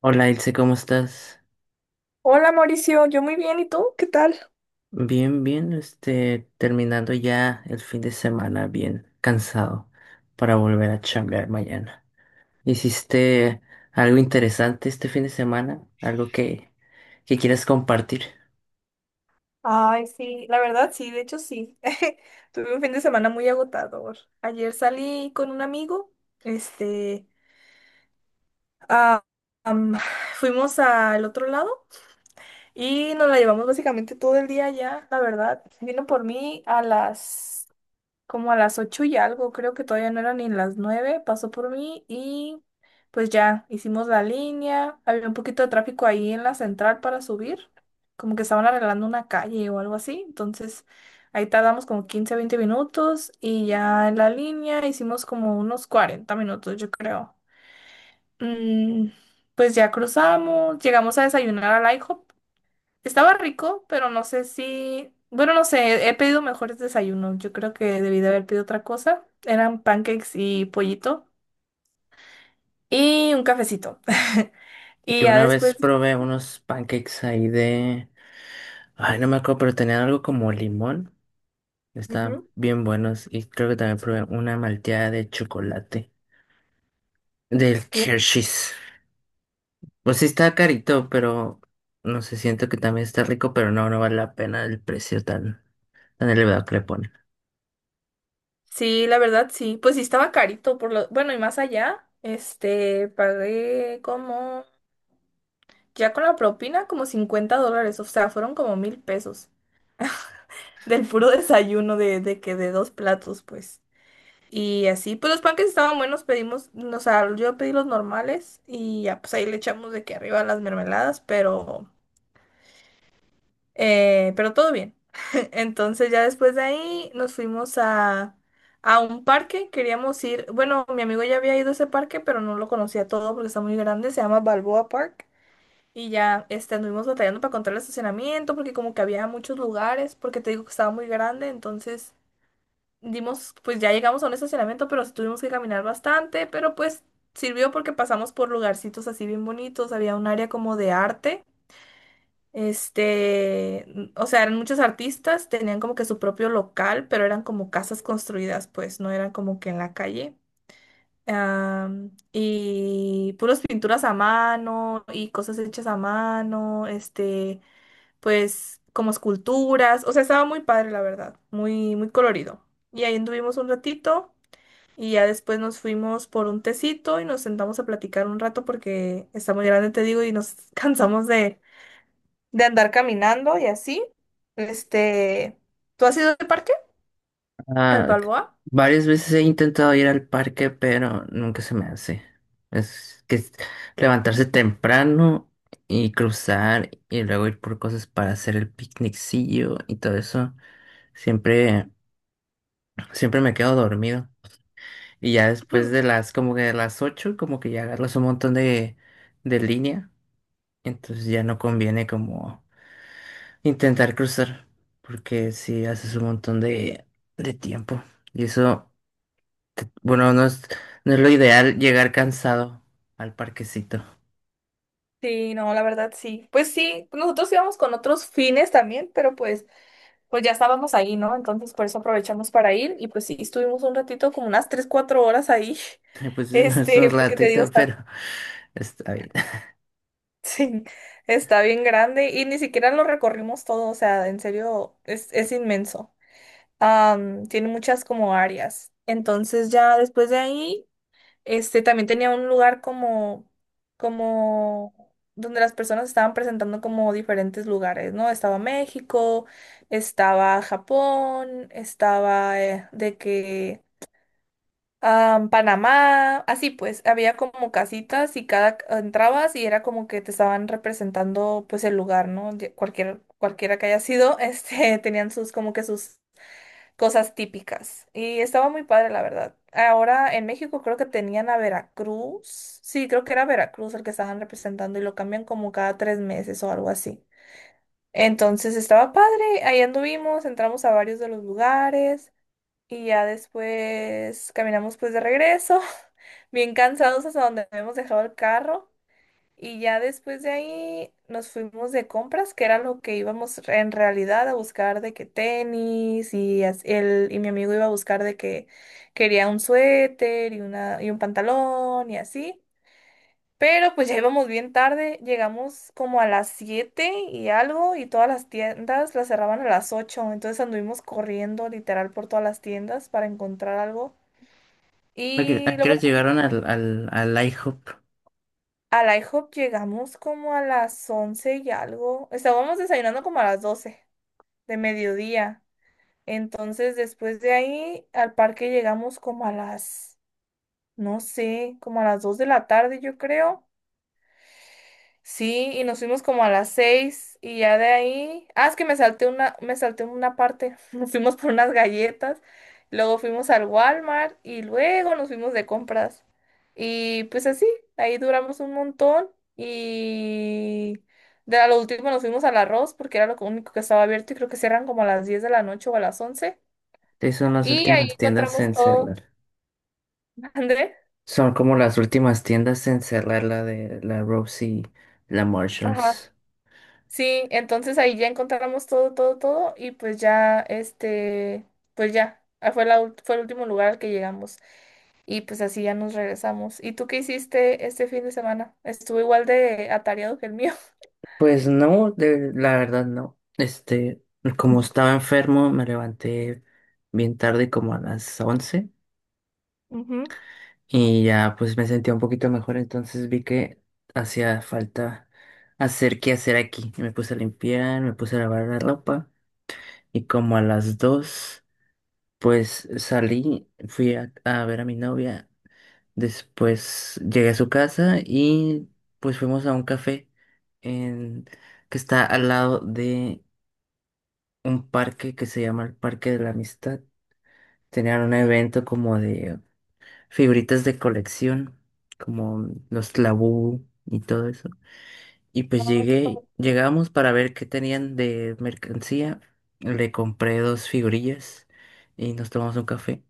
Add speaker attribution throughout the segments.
Speaker 1: Hola Ilse, ¿cómo estás?
Speaker 2: Hola Mauricio, yo muy bien, ¿y tú? ¿Qué tal?
Speaker 1: Bien, bien, terminando ya el fin de semana, bien cansado para volver a chambear mañana. ¿Hiciste algo interesante este fin de semana? ¿Algo que quieras compartir?
Speaker 2: Ay, sí, la verdad sí, de hecho sí. Tuve un fin de semana muy agotador. Ayer salí con un amigo, este, ah, am, fuimos al otro lado y nos la llevamos básicamente todo el día allá, la verdad. Vino por mí a las, como a las ocho y algo, creo que todavía no eran ni las nueve, pasó por mí y pues ya hicimos la línea. Había un poquito de tráfico ahí en la central para subir, como que estaban arreglando una calle o algo así. Entonces ahí tardamos como 15 20 minutos y ya en la línea hicimos como unos 40 minutos, yo creo. Mm, pues ya cruzamos, llegamos a desayunar al IHOP. Estaba rico, pero no sé si... Bueno, no sé, he pedido mejores desayunos. Yo creo que debí de haber pedido otra cosa. Eran pancakes y pollito y un cafecito. Y
Speaker 1: Yo
Speaker 2: ya
Speaker 1: una vez
Speaker 2: después...
Speaker 1: probé unos pancakes ahí de... Ay, no me acuerdo, pero tenían algo como limón. Estaban
Speaker 2: Ujú.
Speaker 1: bien buenos y creo que también probé una malteada de chocolate del
Speaker 2: ¿Qué?
Speaker 1: Hershey's. Pues sí está carito, pero no sé, siento que también está rico, pero no, no vale la pena el precio tan elevado que le ponen.
Speaker 2: Sí, la verdad sí. Pues sí estaba carito por lo... Bueno, y más allá, pagué como... Ya con la propina, como 50 dólares. O sea, fueron como mil pesos. Del puro desayuno de dos platos, pues. Y así, pues los panques estaban buenos, pedimos, o sea, yo pedí los normales y ya, pues ahí le echamos de que arriba las mermeladas, pero todo bien. Entonces ya después de ahí nos fuimos a un parque, queríamos ir, bueno, mi amigo ya había ido a ese parque, pero no lo conocía todo porque está muy grande, se llama Balboa Park. Y ya, anduvimos batallando para encontrar el estacionamiento porque como que había muchos lugares, porque te digo que estaba muy grande, entonces dimos, pues ya llegamos a un estacionamiento, pero sí tuvimos que caminar bastante, pero pues sirvió porque pasamos por lugarcitos así bien bonitos, había un área como de arte, o sea, eran muchos artistas, tenían como que su propio local, pero eran como casas construidas, pues no eran como que en la calle. Y puras pinturas a mano y cosas hechas a mano, pues como esculturas, o sea, estaba muy padre, la verdad, muy, muy colorido. Y ahí anduvimos un ratito. Y ya después nos fuimos por un tecito y nos sentamos a platicar un rato porque está muy grande, te digo, y nos cansamos de andar caminando y así. Este, ¿Tú has ido al parque? ¿Al
Speaker 1: Ah, c-
Speaker 2: Balboa?
Speaker 1: Varias veces he intentado ir al parque, pero nunca se me hace. Es que es levantarse temprano y cruzar y luego ir por cosas para hacer el picnicillo y todo eso. Siempre, siempre me quedo dormido. Y ya después de como que de las 8, como que ya agarras un montón de línea. Entonces ya no conviene como intentar cruzar, porque si haces un montón de tiempo. Y eso, bueno, no no es lo ideal llegar cansado al parquecito.
Speaker 2: Sí, no, la verdad sí. Pues sí, nosotros íbamos con otros fines también, pero pues, pues ya estábamos ahí, ¿no? Entonces por eso aprovechamos para ir y pues sí, estuvimos un ratito, como unas 3 4 horas ahí.
Speaker 1: Pues no es un
Speaker 2: Porque te digo,
Speaker 1: ratito,
Speaker 2: está.
Speaker 1: pero está bien.
Speaker 2: Sí, está bien grande y ni siquiera lo recorrimos todo, o sea, en serio, es inmenso. Tiene muchas como áreas. Entonces ya después de ahí, este también tenía un lugar como donde las personas estaban presentando como diferentes lugares, ¿no? Estaba México, estaba Japón, estaba de que Panamá, así pues, había como casitas y cada entrabas y era como que te estaban representando pues el lugar, ¿no? Cualquiera que haya sido, este, tenían sus como que sus cosas típicas y estaba muy padre, la verdad. Ahora en México creo que tenían a Veracruz, sí, creo que era Veracruz el que estaban representando y lo cambian como cada tres meses o algo así. Entonces estaba padre, ahí anduvimos, entramos a varios de los lugares. Y ya después caminamos pues de regreso bien cansados hasta donde habíamos dejado el carro y ya después de ahí nos fuimos de compras, que era lo que íbamos en realidad a buscar de que tenis y él y mi amigo iba a buscar de que quería un suéter y una y un pantalón y así. Pero pues ya íbamos bien tarde, llegamos como a las 7 y algo y todas las tiendas las cerraban a las ocho, entonces anduvimos corriendo literal por todas las tiendas para encontrar algo.
Speaker 1: ¿A qué a
Speaker 2: Y lo...
Speaker 1: qué hora llegaron al IHOP?
Speaker 2: A la IHOP llegamos como a las 11 y algo. Estábamos desayunando como a las 12, de mediodía. Entonces, después de ahí, al parque llegamos como a las, no sé, como a las 2 de la tarde, yo creo. Sí, y nos fuimos como a las seis y ya de ahí, ah, es que me salté una parte, nos fuimos por unas galletas, luego fuimos al Walmart y luego nos fuimos de compras. Y pues así, ahí duramos un montón y de a lo último nos fuimos al arroz porque era lo único que estaba abierto y creo que cierran como a las 10 de la noche o a las once.
Speaker 1: Sí, son las
Speaker 2: Y ahí
Speaker 1: últimas tiendas
Speaker 2: encontramos
Speaker 1: en
Speaker 2: todo.
Speaker 1: cerrar.
Speaker 2: André.
Speaker 1: Son como las últimas tiendas en cerrar la de la Rose y la
Speaker 2: Ajá.
Speaker 1: Marshalls.
Speaker 2: Sí, entonces ahí ya encontramos todo, todo, todo y pues ya, pues ya, fue fue el último lugar al que llegamos y pues así ya nos regresamos. ¿Y tú qué hiciste este fin de semana? Estuvo igual de atareado que el mío.
Speaker 1: Pues no, de, la verdad no. Como estaba enfermo, me levanté bien tarde, como a las 11,
Speaker 2: Ujú. Ujú.
Speaker 1: y ya pues me sentía un poquito mejor, entonces vi que hacía falta hacer qué hacer aquí. Y me puse a limpiar, me puse a lavar la ropa, y como a las 2 pues salí, fui a ver a mi novia, después llegué a su casa y pues fuimos a un café en, que está al lado de un parque que se llama el Parque de la Amistad. Tenían un evento como de figuritas de colección, como los Labú y todo eso. Y pues
Speaker 2: Ay, qué padre.
Speaker 1: llegamos para ver qué tenían de mercancía. Le compré dos figurillas y nos tomamos un café.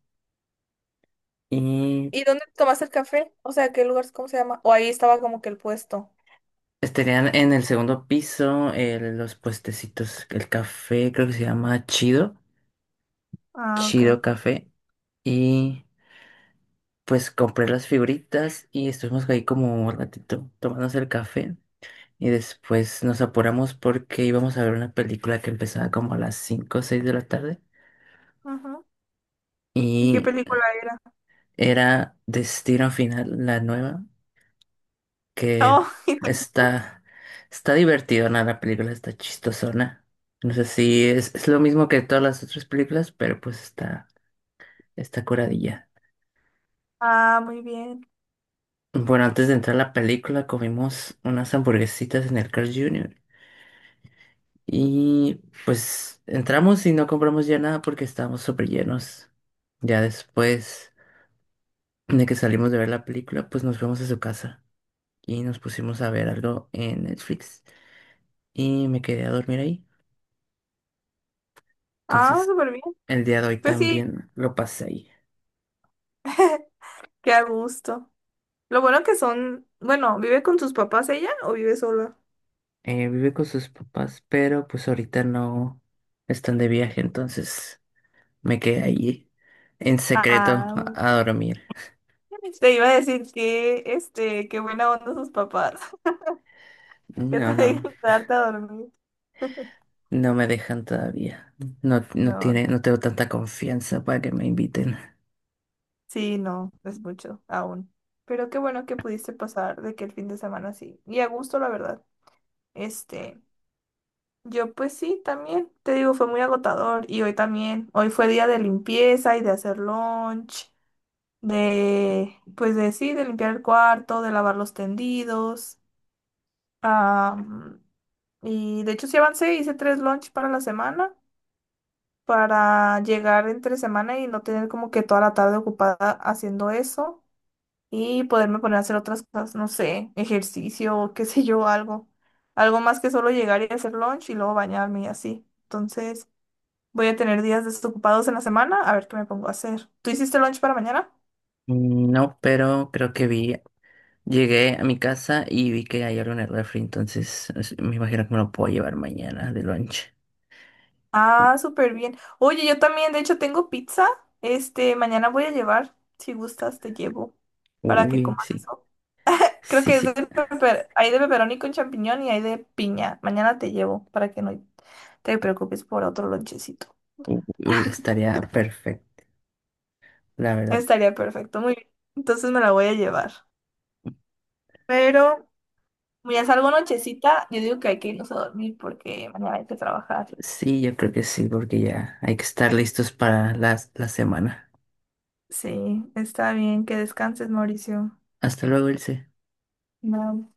Speaker 1: Y
Speaker 2: ¿Y dónde tomaste el café? O sea, ¿qué lugar, cómo se llama? O ahí estaba como que el puesto.
Speaker 1: pues tenían en el segundo piso los puestecitos, el café creo que se llama
Speaker 2: Ah, ok.
Speaker 1: Chido Café. Y pues compré las figuritas y estuvimos ahí como un ratito tomándose el café. Y después nos apuramos porque íbamos a ver una película que empezaba como a las 5 o 6 de la tarde.
Speaker 2: Ajá. ¿Y qué
Speaker 1: Y
Speaker 2: película era?
Speaker 1: era Destino Final, la nueva, que
Speaker 2: Oh,
Speaker 1: está, está divertida, ¿no? La película está chistosona. No sé si es lo mismo que todas las otras películas, pero pues está curadilla.
Speaker 2: ah, muy bien.
Speaker 1: Bueno, antes de entrar a la película comimos unas hamburguesitas en el Carl Jr. Y pues entramos y no compramos ya nada porque estábamos súper llenos. Ya después de que salimos de ver la película, pues nos fuimos a su casa y nos pusimos a ver algo en Netflix y me quedé a dormir ahí.
Speaker 2: Ah,
Speaker 1: Entonces
Speaker 2: súper bien.
Speaker 1: el día de hoy
Speaker 2: Pues sí,
Speaker 1: también lo pasé ahí.
Speaker 2: qué a gusto. Lo bueno que son, bueno, ¿vive con sus papás ella o vive sola?
Speaker 1: Vive con sus papás, pero pues ahorita no están de viaje, entonces me quedé ahí en secreto
Speaker 2: Ah,
Speaker 1: a dormir.
Speaker 2: te iba a decir que, qué buena onda sus papás, que
Speaker 1: No,
Speaker 2: te
Speaker 1: no.
Speaker 2: dejan quedarte a dormir.
Speaker 1: No me dejan todavía. No,
Speaker 2: No,
Speaker 1: no tengo tanta confianza para que me inviten.
Speaker 2: sí, no, es mucho aún. Pero qué bueno que pudiste pasar de que el fin de semana sí. Y a gusto, la verdad. Este, yo pues sí, también, te digo, fue muy agotador. Y hoy también, hoy fue día de limpieza y de hacer lunch, pues de sí, de limpiar el cuarto, de lavar los tendidos. Am, y de hecho sí avancé, hice tres lunch para la semana, para llegar entre semana y no tener como que toda la tarde ocupada haciendo eso y poderme poner a hacer otras cosas, no sé, ejercicio, qué sé yo, algo. Algo más que solo llegar y hacer lunch y luego bañarme y así. Entonces voy a tener días desocupados en la semana, a ver qué me pongo a hacer. ¿Tú hiciste lunch para mañana?
Speaker 1: Mm, no, pero creo que vi. Llegué a mi casa y vi que hay algo en el refri, entonces me imagino que me lo puedo llevar mañana de lunch.
Speaker 2: Ah, súper bien. Oye, yo también, de hecho, tengo pizza. Mañana voy a llevar. Si gustas, te llevo para que
Speaker 1: Uy,
Speaker 2: comas
Speaker 1: sí,
Speaker 2: eso. Creo
Speaker 1: sí,
Speaker 2: que es de
Speaker 1: sí.
Speaker 2: hay de pepperoni con champiñón y hay de piña. Mañana te llevo para que no te preocupes por otro lonchecito.
Speaker 1: Uy, uy, estaría perfecto, la verdad.
Speaker 2: Estaría perfecto, muy bien. Entonces me la voy a llevar. Pero como ya salgo nochecita, yo digo que hay que irnos a dormir porque mañana hay que trabajar.
Speaker 1: Sí, yo creo que sí, porque ya hay que estar listos para las la semana.
Speaker 2: Sí, está bien, que descanses, Mauricio.
Speaker 1: Hasta luego, Ilse.
Speaker 2: No.